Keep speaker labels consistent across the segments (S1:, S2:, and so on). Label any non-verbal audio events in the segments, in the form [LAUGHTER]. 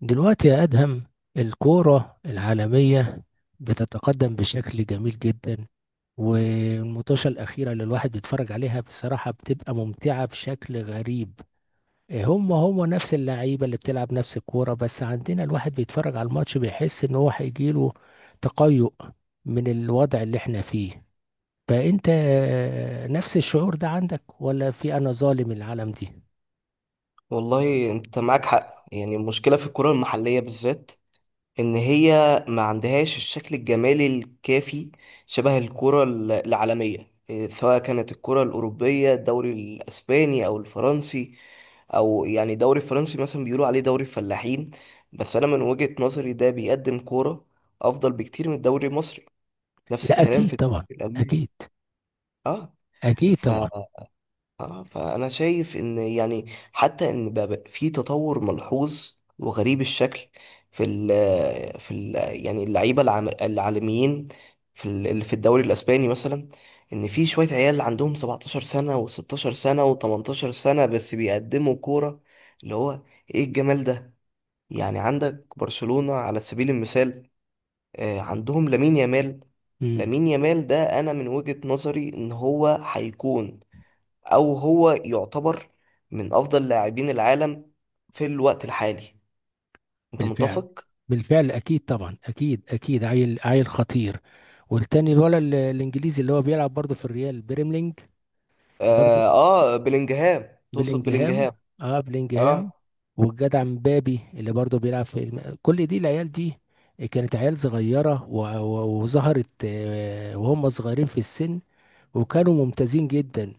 S1: دلوقتي يا أدهم، الكورة العالمية بتتقدم بشكل جميل جدا، والمطوشة الأخيرة اللي الواحد بيتفرج عليها بصراحة بتبقى ممتعة بشكل غريب. هم نفس اللعيبة اللي بتلعب نفس الكورة، بس عندنا الواحد بيتفرج على الماتش بيحس إن هو هيجيله تقيؤ من الوضع اللي احنا فيه. فأنت نفس الشعور ده عندك ولا في أنا ظالم العالم دي؟
S2: والله انت معاك حق، يعني المشكلة في الكرة المحلية بالذات ان هي ما عندهاش الشكل الجمالي الكافي، شبه الكرة العالمية، سواء كانت الكرة الأوروبية، الدوري الأسباني أو الفرنسي، أو يعني الدوري الفرنسي مثلا بيقولوا عليه دوري الفلاحين. بس أنا من وجهة نظري ده بيقدم كورة أفضل بكتير من الدوري المصري. نفس
S1: لا،
S2: الكلام
S1: أكيد
S2: في الدوري
S1: طبعا.
S2: الألماني.
S1: أكيد.
S2: اه.
S1: أكيد
S2: ف
S1: طبعا.
S2: اه فانا شايف ان يعني حتى ان بقى في تطور ملحوظ وغريب الشكل في ال يعني اللعيبه العالميين في اللي في الدوري الاسباني مثلا، ان في شويه عيال عندهم 17 سنه و16 سنه و18 سنه بس بيقدموا كوره، اللي هو ايه الجمال ده! يعني عندك برشلونه على سبيل المثال، عندهم لامين يامال.
S1: مم.
S2: لامين يامال ده انا من وجهه نظري ان هو هيكون، او هو يعتبر من افضل لاعبين العالم في الوقت الحالي. انت
S1: بالفعل.
S2: متفق؟
S1: بالفعل اكيد طبعا. اكيد، اكيد. عيل عيل خطير. والتاني الولد الانجليزي اللي هو بيلعب برضه في الريال بيرملينج. برضه.
S2: اه، بلينجهام، تقصد
S1: بلينجهام.
S2: بلينجهام.
S1: اه، بلينجهام.
S2: اه.
S1: والجدع مبابي اللي برضه بيلعب في كل دي العيال دي كانت عيال صغيرة و... و... وظهرت وهم صغيرين في السن، وكانوا ممتازين جدا.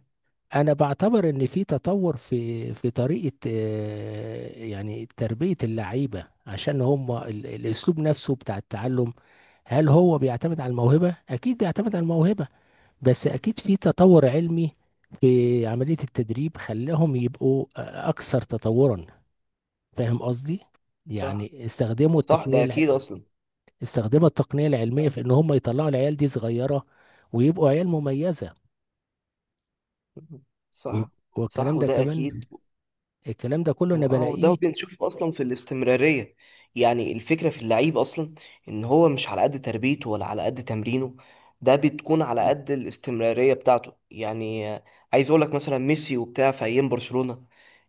S1: انا بعتبر ان في تطور في طريقه، يعني تربيه اللعيبه، عشان هم الاسلوب نفسه بتاع التعلم. هل هو بيعتمد على الموهبه؟ اكيد بيعتمد على الموهبه، بس
S2: مم.
S1: اكيد في تطور علمي في عمليه التدريب خلاهم يبقوا اكثر تطورا. فاهم قصدي؟
S2: صح.
S1: يعني
S2: صح ده اكيد اصلا.
S1: استخدموا التقنيه العلميه في ان هم يطلعوا العيال دي صغيره، ويبقوا عيال مميزه.
S2: مم.
S1: و-
S2: صح. صح
S1: والكلام ده
S2: وده
S1: كمان
S2: اكيد.
S1: الكلام ده كله انا
S2: واو، ده
S1: بلاقيه.
S2: بنشوف اصلا في الاستمراريه، يعني الفكره في اللعيب اصلا ان هو مش على قد تربيته ولا على قد تمرينه، ده بتكون على قد الاستمراريه بتاعته، يعني عايز اقول لك مثلا ميسي وبتاع في ايام برشلونه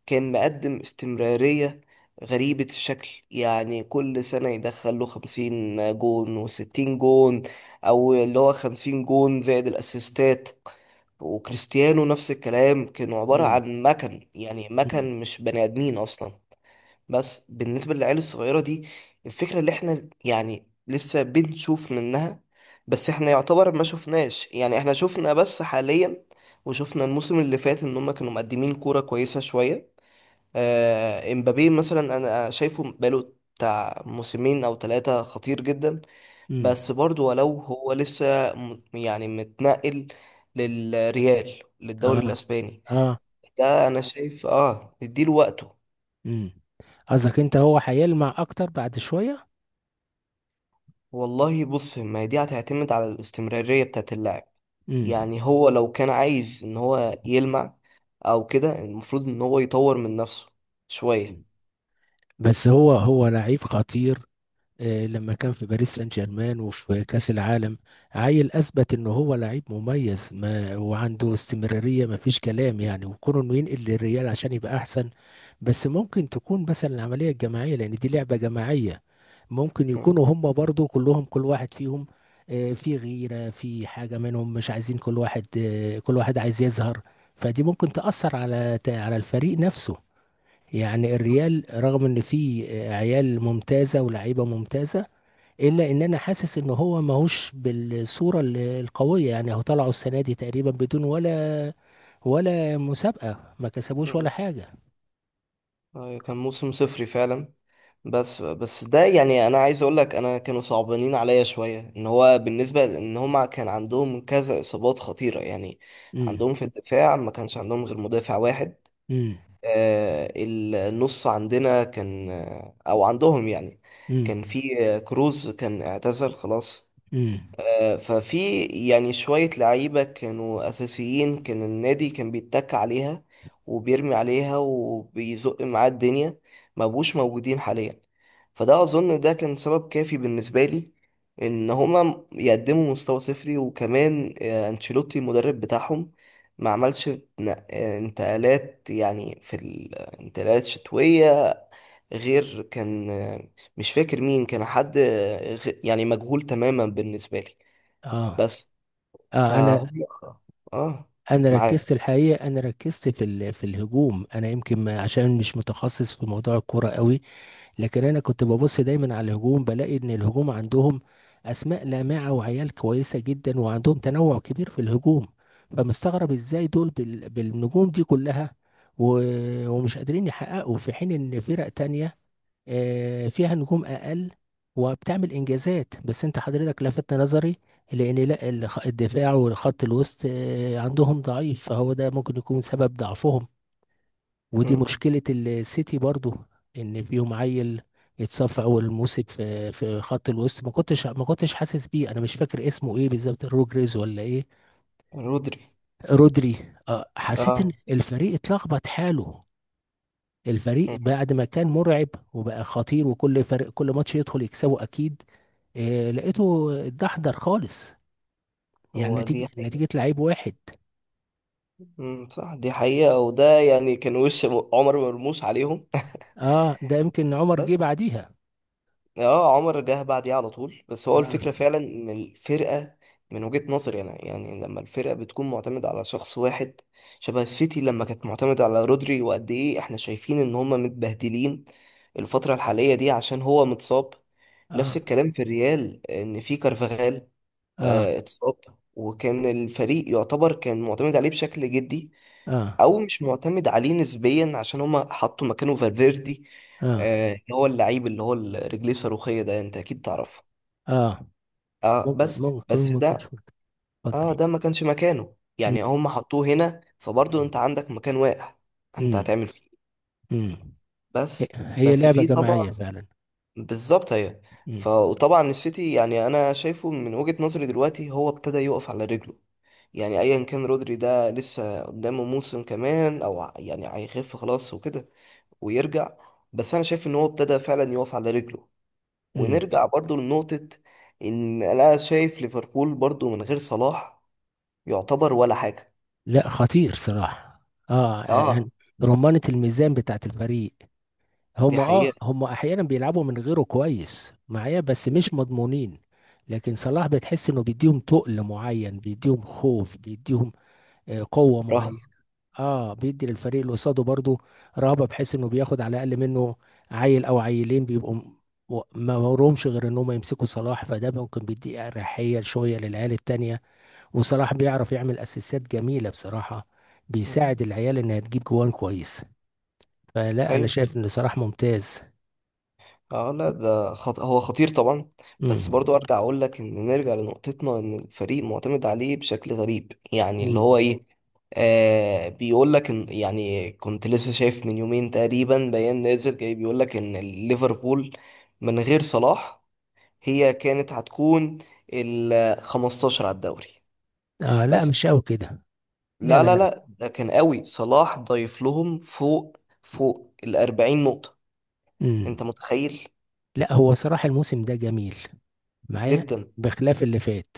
S2: كان مقدم استمراريه غريبه الشكل، يعني كل سنه يدخل له 50 جون و60 جون، او اللي هو 50 جون زائد الاسيستات. وكريستيانو نفس الكلام، كانوا عبارة
S1: امم.
S2: عن مكن، يعني
S1: امم.
S2: مكن مش بني آدمين أصلا. بس بالنسبة للعيال الصغيرة دي، الفكرة اللي احنا يعني لسه بنشوف منها، بس احنا يعتبر ما شفناش، يعني احنا شفنا بس حاليا وشفنا الموسم اللي فات ان هم كانوا مقدمين كورة كويسة شوية. آه امبابي مثلا انا شايفه بقاله بتاع موسمين او 3 خطير جدا،
S1: امم.
S2: بس برضو ولو هو لسه يعني متنقل للريال، للدوري
S1: اه.
S2: الاسباني،
S1: اه.
S2: ده انا شايف، نديله وقته.
S1: امم. قصدك انت هو هيلمع اكتر بعد شوية؟
S2: والله بص، ما هي دي هتعتمد على الاستمرارية بتاعت اللاعب،
S1: امم.
S2: يعني هو لو كان عايز ان هو يلمع او كده المفروض ان هو يطور من نفسه شوية.
S1: بس هو لعيب خطير. لما كان في باريس سان جيرمان وفي كأس العالم، عيل أثبت إن هو لعيب مميز، ما وعنده استمرارية ما فيش كلام يعني، وكونه إنه ينقل للريال عشان يبقى أحسن. بس ممكن تكون مثلا العملية الجماعية، لأن دي لعبة جماعية. ممكن
S2: مم.
S1: يكونوا هم برضو كلهم، كل واحد فيهم في غيرة، في حاجة منهم مش عايزين، كل واحد كل واحد عايز يظهر. فدي ممكن تأثر على الفريق نفسه. يعني الريال رغم ان فيه عيال ممتازة ولاعيبة ممتازة، الا ان انا حاسس ان هو ماهوش بالصوره القويه. يعني هو طلعوا السنه دي تقريبا بدون ولا مسابقه، ما كسبوش ولا
S2: مم.
S1: حاجه.
S2: كان موسم صفري فعلا، بس ده يعني انا عايز اقول لك انا كانوا صعبانين عليا شويه، ان هو بالنسبه لان هما كان عندهم كذا اصابات خطيره يعني،
S1: امم.
S2: عندهم في الدفاع ما كانش عندهم غير مدافع واحد.
S1: امم.
S2: النص عندنا كان، او عندهم يعني،
S1: امم.
S2: كان في كروز، كان اعتزل خلاص.
S1: امم.
S2: ففي يعني شوية لعيبة كانوا أساسيين، كان النادي كان بيتك عليها وبيرمي عليها وبيزق معاه الدنيا، ما بقوش موجودين حاليا. فده أظن ده كان سبب كافي بالنسبة لي إن هما يقدموا مستوى صفري. وكمان أنشيلوتي المدرب بتاعهم ما عملش انتقالات، يعني في الانتقالات شتوية غير كان مش فاكر مين كان، حد يعني مجهول تماما بالنسبة لي.
S1: اه.
S2: بس.
S1: اه. انا
S2: فهم. اه.
S1: انا
S2: معاك.
S1: ركزت الحقيقه، انا ركزت في في الهجوم. انا يمكن عشان مش متخصص في موضوع الكوره قوي. لكن انا كنت ببص دايما على الهجوم، بلاقي ان الهجوم عندهم اسماء لامعه وعيال كويسه جدا، وعندهم تنوع كبير في الهجوم. فمستغرب ازاي دول بالنجوم دي كلها، و... ومش قادرين يحققوا، في حين ان فرق تانية فيها نجوم اقل وبتعمل انجازات. بس انت حضرتك لفت نظري، لان لا الدفاع والخط الوسط عندهم ضعيف، فهو ده ممكن يكون سبب ضعفهم. ودي
S2: مم.
S1: مشكلة السيتي برضو، ان فيهم عيل اتصف اول موسم في خط الوسط ما كنتش حاسس بيه، انا مش فاكر اسمه ايه بالظبط، روجريز ولا ايه؟
S2: رودري.
S1: رودري. حسيت ان
S2: اه.
S1: الفريق اتلخبط حاله، الفريق
S2: مم.
S1: بعد ما كان مرعب وبقى خطير، وكل فريق كل ماتش يدخل يكسبه اكيد، لقيته اتدحضر خالص. يعني
S2: هو
S1: نتيجة
S2: دي حقيقة.
S1: نتيجة لعيب واحد.
S2: مم. صح، دي حقيقة، وده يعني كان وش عمر مرموش عليهم.
S1: اه، ده يمكن
S2: [LAUGHS]
S1: عمر جه
S2: بس
S1: بعديها.
S2: اه، عمر جه بعديه على طول. بس هو
S1: اه.
S2: الفكرة فعلا ان الفرقة، من وجهة نظري انا يعني، لما الفرقة بتكون معتمدة على شخص واحد شبه السيتي لما كانت معتمدة على رودري، وقد ايه احنا شايفين ان هما متبهدلين الفترة الحالية دي عشان هو متصاب. نفس
S1: اه.
S2: الكلام في الريال، ان في كارفاخال
S1: اه.
S2: اتصاب، وكان الفريق يعتبر كان معتمد عليه بشكل جدي،
S1: اه.
S2: او مش معتمد عليه نسبيا، عشان هما حطوا مكانه فالفيردي،
S1: اه.
S2: اللي هو اللعيب اللي هو رجليه الصاروخية ده انت اكيد تعرفه.
S1: آه.
S2: اه، بس
S1: موقف
S2: بس
S1: كوميدي، ما كنتش مت- اتفضل.
S2: ده ما كانش مكانه،
S1: مم.
S2: يعني هما حطوه هنا، فبرضه انت عندك مكان واقع، انت
S1: مم.
S2: هتعمل فيه إيه؟
S1: مم. هي
S2: بس
S1: هي
S2: بس
S1: لعبة
S2: في
S1: جماعية
S2: طبعا،
S1: فعلا.
S2: بالظبط هي.
S1: مم.
S2: وطبعا السيتي، يعني انا شايفه من وجهة نظري دلوقتي، هو ابتدى يقف على رجله، يعني ايا كان رودري ده لسه قدامه موسم كمان او يعني هيخف خلاص وكده ويرجع. بس انا شايف ان هو ابتدى فعلا يقف على رجله.
S1: مم.
S2: ونرجع برضو لنقطة ان انا شايف ليفربول برضو من غير صلاح يعتبر ولا حاجة.
S1: لا، خطير صراحة. اه
S2: اه.
S1: يعني رمانة الميزان بتاعت الفريق.
S2: دي
S1: هم اه
S2: حقيقة.
S1: هم احيانا بيلعبوا من غيره كويس معايا، بس مش مضمونين. لكن صلاح بتحس انه بيديهم تقل معين، بيديهم خوف، بيديهم قوة
S2: رهن.
S1: معينة. اه، بيدي للفريق اللي قصاده برضه رهبه، بحيث انه بياخد على الاقل منه عيل او عيلين بيبقوا ما ورهمش غير ان هم يمسكوا صلاح، فده ممكن بيدي اريحيه شويه للعيال التانيه. وصلاح بيعرف يعمل اسيستات جميله بصراحه،
S2: مم.
S1: بيساعد العيال انها تجيب جوان كويس. فلا، انا
S2: ايوه.
S1: شايف ان صلاح ممتاز.
S2: اه لا، ده هو خطير طبعا. بس
S1: امم.
S2: برضو ارجع اقول لك ان نرجع لنقطتنا، ان الفريق معتمد عليه بشكل غريب، يعني اللي هو
S1: امم.
S2: ايه، بيقول لك ان يعني كنت لسه شايف من يومين تقريبا بيان نازل جاي بيقول لك ان ليفربول من غير صلاح هي كانت هتكون ال 15 على الدوري.
S1: اه، لا
S2: بس
S1: مش قوي كده. لا،
S2: لا
S1: لا،
S2: لا
S1: لا.
S2: لا، ده كان قوي، صلاح ضايف لهم فوق فوق ال 40 نقطة،
S1: امم.
S2: انت متخيل؟
S1: لا، هو صراحه الموسم ده جميل معايا،
S2: جدا
S1: بخلاف اللي فات.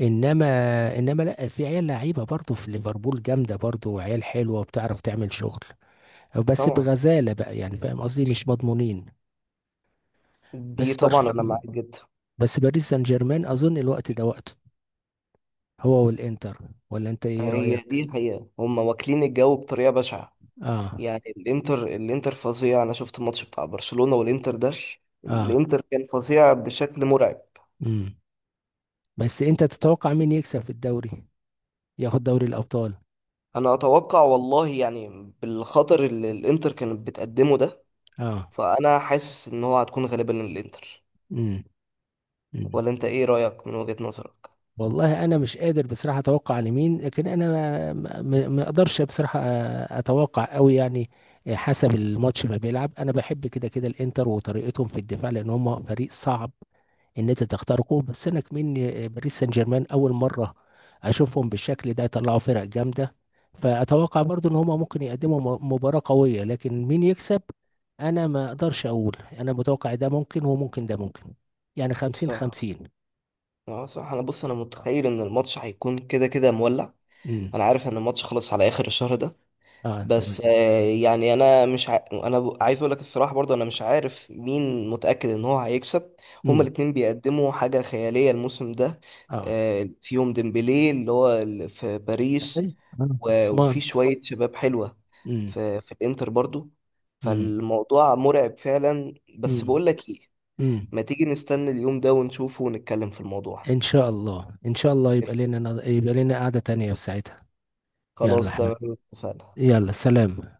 S1: انما انما لا، في عيال لعيبه برضه في ليفربول جامده، برضه وعيال حلوه وبتعرف تعمل شغل، بس
S2: طبعا.
S1: بغزاله بقى يعني فاهم قصدي، مش مضمونين.
S2: دي
S1: بس بر...
S2: طبعا انا معاك جدا.
S1: بس باريس سان جيرمان اظن الوقت ده وقته، هو والانتر. ولا انت ايه
S2: هي
S1: رايك؟
S2: دي الحقيقه، هم واكلين الجو بطريقه بشعه،
S1: اه.
S2: يعني الانتر، الانتر فظيع. انا شفت الماتش بتاع برشلونه والانتر ده،
S1: اه.
S2: الانتر كان فظيع بشكل مرعب.
S1: امم. بس انت تتوقع مين يكسب في الدوري، ياخد دوري الابطال؟
S2: انا اتوقع والله، يعني بالخطر اللي الانتر كانت بتقدمه ده،
S1: اه.
S2: فانا حاسس ان هو هتكون غالبا الانتر.
S1: امم.
S2: ولا انت ايه رايك من وجهه نظرك؟
S1: والله انا مش قادر بصراحه اتوقع لمين، لكن انا ما اقدرش بصراحه اتوقع قوي يعني. حسب الماتش ما بيلعب، انا بحب كده كده الانتر وطريقتهم في الدفاع، لان هم فريق صعب ان انت تخترقه. بس انا كمان، باريس سان جيرمان اول مره اشوفهم بالشكل ده يطلعوا فرق جامده، فاتوقع برضو ان هم ممكن يقدموا مباراه قويه، لكن مين يكسب؟ انا ما اقدرش اقول انا متوقع. ده ممكن وممكن، ده ممكن، يعني 50
S2: صح.
S1: 50
S2: صح انا بص، انا متخيل ان الماتش هيكون كده كده مولع.
S1: امم.
S2: انا عارف ان الماتش خلص على اخر الشهر ده،
S1: اه تمام.
S2: بس يعني انا مش انا عايز اقول لك الصراحه برضه انا مش عارف مين متاكد ان هو هيكسب. هما
S1: مم.
S2: الاتنين بيقدموا حاجه خياليه الموسم ده،
S1: اه.
S2: فيهم ديمبلي اللي هو في باريس،
S1: اي، انا خلصان.
S2: وفي شويه شباب حلوه
S1: امم.
S2: في الانتر برضه،
S1: امم.
S2: فالموضوع مرعب فعلا. بس
S1: امم.
S2: بقول لك ايه،
S1: امم.
S2: ما تيجي نستنى اليوم ده ونشوفه ونتكلم في الموضوع.
S1: ان شاء الله، ان شاء الله، يبقى
S2: إيه،
S1: لنا يبقى لنا قعدة تانية في ساعتها. يلا يا
S2: خلاص
S1: حبيبي.
S2: تمام. اتفقنا.
S1: يلا، سلام.